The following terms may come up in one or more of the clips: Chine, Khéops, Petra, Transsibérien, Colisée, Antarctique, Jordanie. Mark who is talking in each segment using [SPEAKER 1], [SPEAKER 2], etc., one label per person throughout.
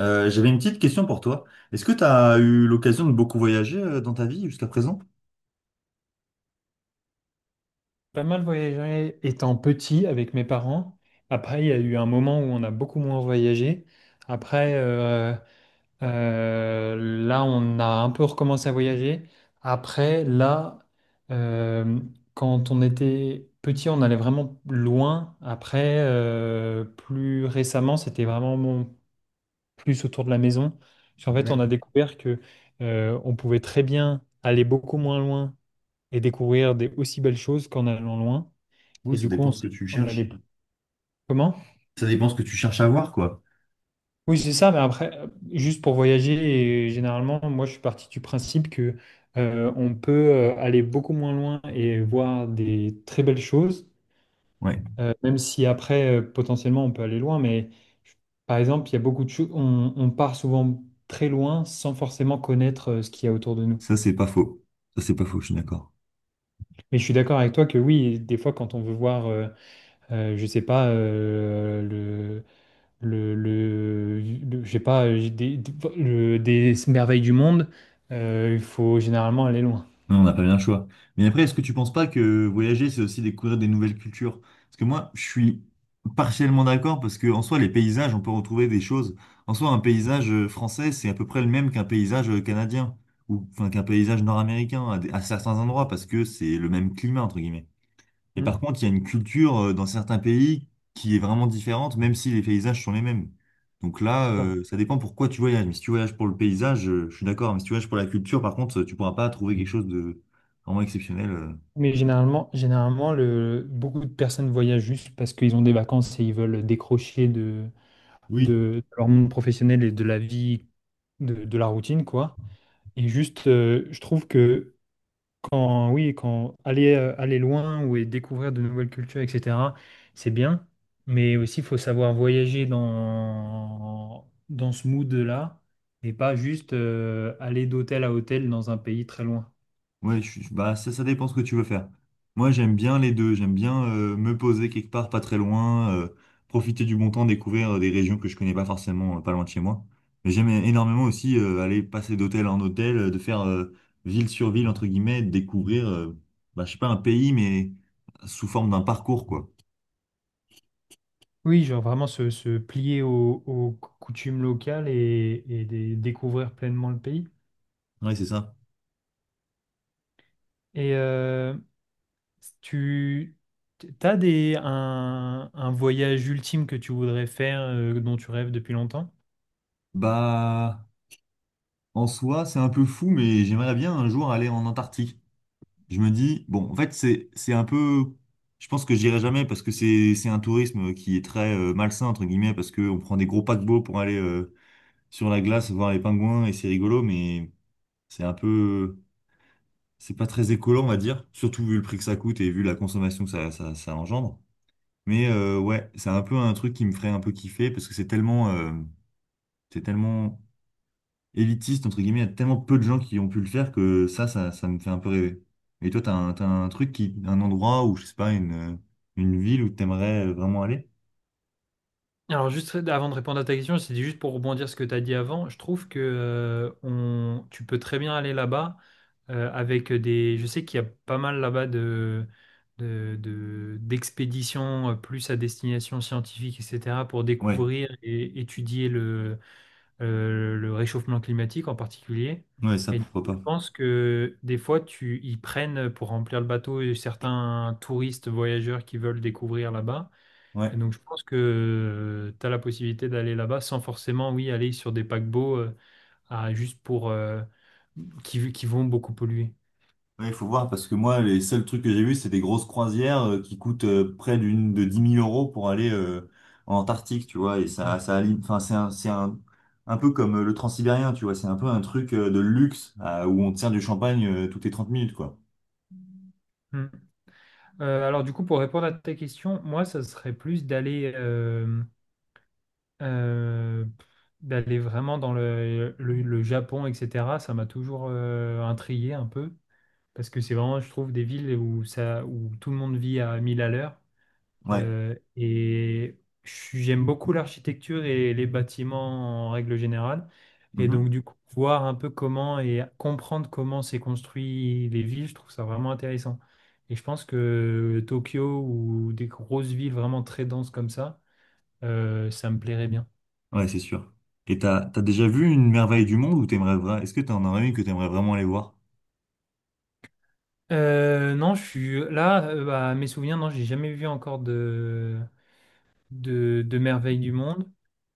[SPEAKER 1] J'avais une petite question pour toi. Est-ce que tu as eu l'occasion de beaucoup voyager dans ta vie jusqu'à présent?
[SPEAKER 2] Pas mal voyagé étant petit avec mes parents. Après, il y a eu un moment où on a beaucoup moins voyagé. Après, euh, là, on a un peu recommencé à voyager. Après, là, euh, quand on était petit, on allait vraiment loin. Après, plus récemment, c'était vraiment plus autour de la maison. Parce qu'en fait, on
[SPEAKER 1] Ouais.
[SPEAKER 2] a découvert que, on pouvait très bien aller beaucoup moins loin et découvrir des aussi belles choses qu'en allant loin.
[SPEAKER 1] Oui,
[SPEAKER 2] Et
[SPEAKER 1] ça
[SPEAKER 2] du coup,
[SPEAKER 1] dépend ce que tu
[SPEAKER 2] on allait
[SPEAKER 1] cherches.
[SPEAKER 2] plus. Comment?
[SPEAKER 1] Ça dépend ce que tu cherches à voir, quoi.
[SPEAKER 2] Oui, c'est ça, mais après, juste pour voyager, et généralement, moi, je suis parti du principe que on peut aller beaucoup moins loin et voir des très belles choses,
[SPEAKER 1] Ouais,
[SPEAKER 2] même si après, potentiellement, on peut aller loin, mais je- par exemple, il y a beaucoup de choses, on part souvent très loin sans forcément connaître ce qu'il y a autour de nous.
[SPEAKER 1] ça c'est pas faux. Ça c'est pas faux, je suis d'accord.
[SPEAKER 2] Mais je suis d'accord avec toi que oui, des fois, quand on veut voir, je sais pas, je sais pas, j'ai des- le- des merveilles du monde, il faut généralement aller loin.
[SPEAKER 1] Non, on n'a pas bien le choix. Mais après, est-ce que tu penses pas que voyager, c'est aussi découvrir des nouvelles cultures? Parce que moi, je suis partiellement d'accord parce que en soi, les paysages, on peut retrouver des choses. En soi, un paysage français, c'est à peu près le même qu'un paysage canadien ou enfin qu'un paysage nord-américain à certains endroits parce que c'est le même climat entre guillemets. Et par
[SPEAKER 2] Hmm.
[SPEAKER 1] contre, il y a une culture dans certains pays qui est vraiment différente, même si les paysages sont les mêmes. Donc là,
[SPEAKER 2] C'est pour-
[SPEAKER 1] ça dépend pourquoi tu voyages. Mais si tu voyages pour le paysage, je suis d'accord. Mais si tu voyages pour la culture, par contre, tu pourras pas trouver quelque chose de vraiment exceptionnel.
[SPEAKER 2] Mais généralement, beaucoup de personnes voyagent juste parce qu'ils ont des vacances et ils veulent décrocher de, de,
[SPEAKER 1] Oui.
[SPEAKER 2] de leur monde professionnel et de la vie, de la routine, quoi. Et juste, je trouve que quand, oui, quand aller loin ou et découvrir de nouvelles cultures, etc., c'est bien. Mais aussi, il faut savoir voyager dans ce mood-là et pas juste aller d'hôtel à hôtel dans un pays très loin.
[SPEAKER 1] Ouais, bah, ça dépend ce que tu veux faire. Moi, j'aime bien les deux. J'aime bien me poser quelque part, pas très loin, profiter du bon temps, découvrir des régions que je connais pas forcément, pas loin de chez moi. Mais j'aime énormément aussi aller passer d'hôtel en hôtel, de faire ville sur ville, entre guillemets, de découvrir, bah, je sais pas, un pays, mais sous forme d'un parcours, quoi.
[SPEAKER 2] Oui, genre vraiment se plier aux coutumes locales et découvrir pleinement le pays.
[SPEAKER 1] Ouais, c'est ça.
[SPEAKER 2] Et tu as un voyage ultime que tu voudrais faire, dont tu rêves depuis longtemps?
[SPEAKER 1] Bah, en soi, c'est un peu fou, mais j'aimerais bien un jour aller en Antarctique. Je me dis, bon, en fait, c'est un peu, je pense que j'irai jamais parce que c'est un tourisme qui est très malsain, entre guillemets, parce qu'on prend des gros paquebots pour aller sur la glace voir les pingouins et c'est rigolo, mais c'est un peu, c'est pas très écolo, on va dire, surtout vu le prix que ça coûte et vu la consommation que ça engendre. Mais ouais, c'est un peu un truc qui me ferait un peu kiffer parce que c'est tellement, c'est tellement élitiste, entre guillemets, il y a tellement peu de gens qui ont pu le faire que ça me fait un peu rêver. Et toi, t'as un truc qui, un endroit où, je sais pas, une ville où t'aimerais vraiment aller?
[SPEAKER 2] Alors juste avant de répondre à ta question, c'est juste pour rebondir sur ce que tu as dit avant. Je trouve que tu peux très bien aller là-bas avec des. Je sais qu'il y a pas mal là-bas d'expéditions plus à destination scientifique, etc., pour
[SPEAKER 1] Ouais,
[SPEAKER 2] découvrir et étudier le réchauffement climatique en particulier.
[SPEAKER 1] ouais, ça,
[SPEAKER 2] Et du
[SPEAKER 1] pourquoi
[SPEAKER 2] coup, je
[SPEAKER 1] pas.
[SPEAKER 2] pense que des fois, ils prennent pour remplir le bateau certains touristes, voyageurs qui veulent découvrir là-bas.
[SPEAKER 1] Ouais.
[SPEAKER 2] Et donc, je pense que tu as la possibilité d'aller là-bas sans forcément, oui, aller sur des paquebots à, juste pour qui vont beaucoup polluer.
[SPEAKER 1] Ouais, il faut voir parce que moi, les seuls trucs que j'ai vus, c'est des grosses croisières qui coûtent près d'une de 10 000 euros pour aller en Antarctique, tu vois. Et
[SPEAKER 2] Ouais.
[SPEAKER 1] enfin, c'est un peu comme le Transsibérien, tu vois. C'est un peu un truc de luxe où on tient du champagne toutes les 30 minutes, quoi.
[SPEAKER 2] Mm. Alors, du coup, pour répondre à ta question, moi, ça serait plus euh, d'aller vraiment dans le Japon, etc. Ça m'a toujours intrigué un peu parce que c'est vraiment, je trouve, des villes où tout le monde vit à 1000 à l'heure.
[SPEAKER 1] Ouais.
[SPEAKER 2] J'aime beaucoup l'architecture et les bâtiments en règle générale. Et donc,
[SPEAKER 1] Mhm.
[SPEAKER 2] du coup, voir un peu comment et comprendre comment s'est construit les villes, je trouve ça vraiment intéressant. Et je pense que Tokyo ou des grosses villes vraiment très denses comme ça, ça me plairait bien.
[SPEAKER 1] Ouais, c'est sûr. Et t'as déjà vu une merveille du monde ou t'aimerais vraiment, est-ce que t'en aurais une que t'aimerais vraiment aller voir?
[SPEAKER 2] Non, je suis là, bah, mes souvenirs, non, j'ai jamais vu encore de merveilles du monde.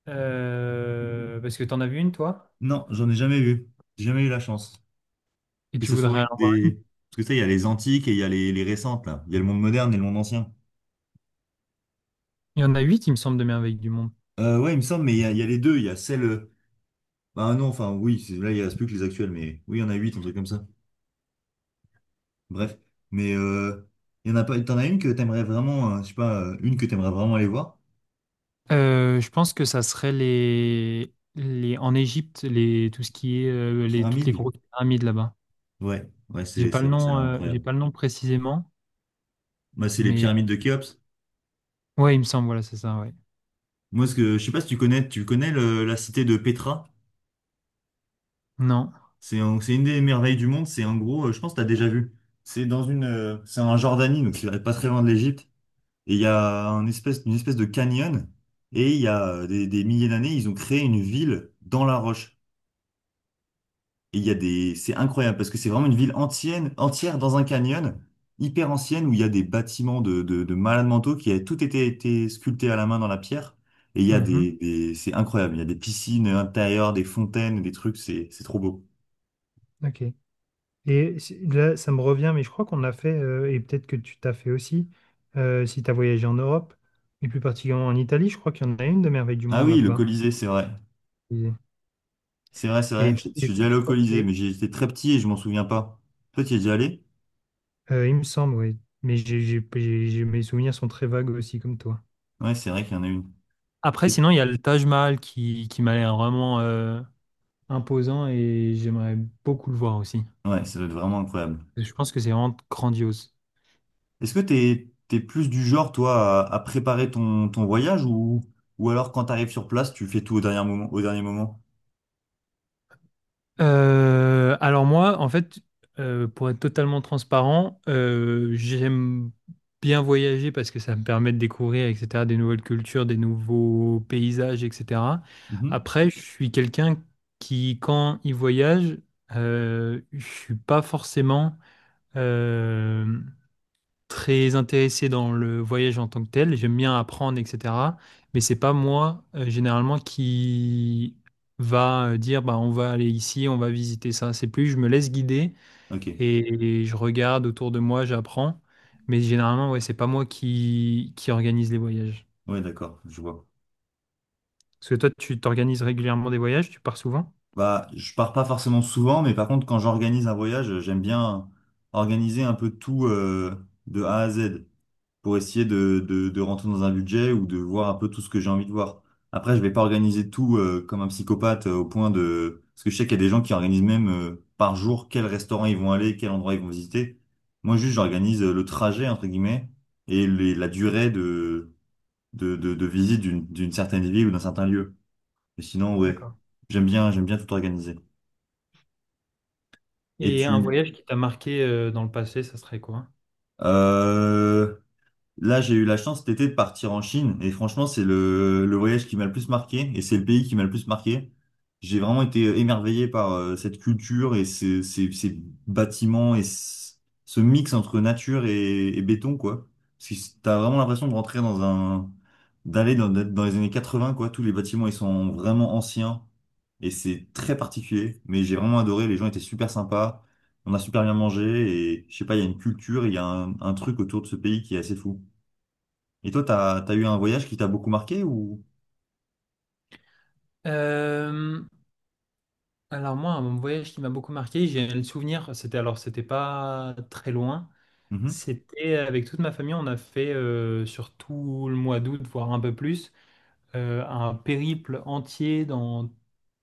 [SPEAKER 2] Parce que t'en as vu une, toi?
[SPEAKER 1] Non, j'en ai jamais vu. J'ai jamais eu la chance.
[SPEAKER 2] Et
[SPEAKER 1] Que
[SPEAKER 2] tu
[SPEAKER 1] ce soit
[SPEAKER 2] voudrais
[SPEAKER 1] une
[SPEAKER 2] en voir?
[SPEAKER 1] des, parce que tu sais, il y a les antiques et il y a les récentes, là. Il y a le monde moderne et le monde ancien.
[SPEAKER 2] Il y en a huit, il me semble, de merveilles du monde.
[SPEAKER 1] Ouais, il me semble, mais il y a les deux. Il y a celle, bah non, enfin, oui, là, il reste plus que les actuelles, mais oui, il y en a huit, un truc comme ça. Bref. Mais, il y en a pas, t'en as une que t'aimerais vraiment, je sais pas, une que t'aimerais vraiment aller voir?
[SPEAKER 2] Je pense que ça serait les en Égypte, les tout ce qui est les toutes les
[SPEAKER 1] Pyramide?
[SPEAKER 2] grosses pyramides là-bas.
[SPEAKER 1] Ouais, ouais, c'est vrai, celle-là,
[SPEAKER 2] J'ai
[SPEAKER 1] incroyable.
[SPEAKER 2] pas le nom précisément,
[SPEAKER 1] Moi, c'est les
[SPEAKER 2] mais
[SPEAKER 1] pyramides de Khéops.
[SPEAKER 2] ouais, il me semble, voilà, c'est ça, ouais.
[SPEAKER 1] Moi, ce que je sais pas si tu connais, tu connais la cité de Petra.
[SPEAKER 2] Non.
[SPEAKER 1] C'est une des merveilles du monde. C'est en gros, je pense que tu as déjà vu. C'est dans une, c'est en Jordanie, donc c'est pas très loin de l'Égypte. Et il y a un espèce, une espèce de canyon. Et il y a des milliers d'années, ils ont créé une ville dans la roche. Et il y a des, c'est incroyable parce que c'est vraiment une ville entière, entière dans un canyon, hyper ancienne, où il y a des bâtiments de malades mentaux qui avaient tout été sculptés à la main dans la pierre. Et il y a
[SPEAKER 2] Mhm.
[SPEAKER 1] c'est incroyable. Il y a des piscines intérieures, des fontaines, des trucs, c'est trop beau.
[SPEAKER 2] Ok. Et là, ça me revient, mais je crois qu'on a fait, et peut-être que tu t'as fait aussi, si tu as voyagé en Europe, et plus particulièrement en Italie, je crois qu'il y en a une de merveille du
[SPEAKER 1] Ah
[SPEAKER 2] monde
[SPEAKER 1] oui, le
[SPEAKER 2] là-bas.
[SPEAKER 1] Colisée, c'est vrai.
[SPEAKER 2] Et,
[SPEAKER 1] C'est vrai, c'est vrai. Je suis
[SPEAKER 2] et
[SPEAKER 1] déjà allé
[SPEAKER 2] je
[SPEAKER 1] au
[SPEAKER 2] crois,
[SPEAKER 1] Colisée,
[SPEAKER 2] et-
[SPEAKER 1] mais j'étais très petit et je m'en souviens pas. Toi, tu y es déjà allé?
[SPEAKER 2] Il me semble, oui. Mais mes souvenirs sont très vagues aussi, comme toi.
[SPEAKER 1] Ouais, c'est vrai qu'il y en a une.
[SPEAKER 2] Après,
[SPEAKER 1] Et-
[SPEAKER 2] sinon, il y a le Taj Mahal qui m'a l'air vraiment imposant et j'aimerais beaucoup le voir aussi.
[SPEAKER 1] Ouais, ça doit être vraiment incroyable.
[SPEAKER 2] Je pense que c'est vraiment grandiose.
[SPEAKER 1] Est-ce que t'es plus du genre, toi, à préparer ton voyage ou alors quand t'arrives sur place, tu fais tout au dernier moment, au dernier moment?
[SPEAKER 2] Alors moi, en fait, pour être totalement transparent, j'aime bien voyager parce que ça me permet de découvrir, etc., des nouvelles cultures, des nouveaux paysages, etc.
[SPEAKER 1] Mhm.
[SPEAKER 2] Après, je suis quelqu'un qui, quand il voyage, je suis pas forcément euh, très intéressé dans le voyage en tant que tel, j'aime bien apprendre, etc. Mais c'est pas moi, généralement, qui va dire, bah, on va aller ici, on va visiter ça. C'est plus, je me laisse guider
[SPEAKER 1] Ok.
[SPEAKER 2] et je regarde autour de moi, j'apprends. Mais généralement, ouais, c'est pas moi qui organise les voyages.
[SPEAKER 1] Ouais, d'accord, je vois.
[SPEAKER 2] Parce que toi, tu t'organises régulièrement des voyages, tu pars souvent?
[SPEAKER 1] Bah, je pars pas forcément souvent, mais par contre, quand j'organise un voyage, j'aime bien organiser un peu tout, de A à Z. Pour essayer de rentrer dans un budget ou de voir un peu tout ce que j'ai envie de voir. Après, je vais pas organiser tout comme un psychopathe au point de... Parce que je sais qu'il y a des gens qui organisent même par jour quel restaurant ils vont aller, quel endroit ils vont visiter. Moi, juste, j'organise le trajet, entre guillemets, et la durée de visite d'une certaine ville ou d'un certain lieu. Mais sinon, ouais,
[SPEAKER 2] D'accord.
[SPEAKER 1] j'aime bien tout organiser. Et
[SPEAKER 2] Et un
[SPEAKER 1] tu...
[SPEAKER 2] voyage qui t'a marqué dans le passé, ça serait quoi?
[SPEAKER 1] Euh, Là, j'ai eu la chance cet été de partir en Chine et franchement, c'est le voyage qui m'a le plus marqué et c'est le pays qui m'a le plus marqué. J'ai vraiment été émerveillé par cette culture et ces bâtiments et ce ce mix entre nature et béton, quoi. Parce que c'est- t'as vraiment l'impression de rentrer dans un, d'être dans les années 80, quoi. Tous les bâtiments, ils sont vraiment anciens et c'est très particulier. Mais j'ai vraiment adoré. Les gens étaient super sympas. On a super bien mangé et je sais pas, il y a une culture, il y a un truc autour de ce pays qui est assez fou. Et toi, t'as eu un voyage qui t'a beaucoup marqué ou?
[SPEAKER 2] Euh, alors moi, un voyage qui m'a beaucoup marqué, j'ai le souvenir, c'était pas très loin,
[SPEAKER 1] Mhm.
[SPEAKER 2] c'était avec toute ma famille, on a fait sur tout le mois d'août, voire un peu plus, un périple entier dans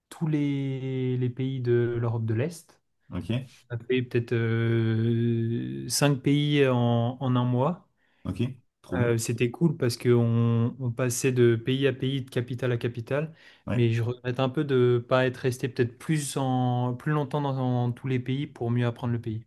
[SPEAKER 2] tous les pays de l'Europe de l'Est.
[SPEAKER 1] Ok,
[SPEAKER 2] On a fait peut-être cinq pays en un mois.
[SPEAKER 1] ok, trop bien.
[SPEAKER 2] C'était cool parce qu'on on passait de pays à pays, de capitale à capitale, mais
[SPEAKER 1] Ouais.
[SPEAKER 2] je regrette un peu de ne pas être resté peut-être plus longtemps dans tous les pays pour mieux apprendre le pays.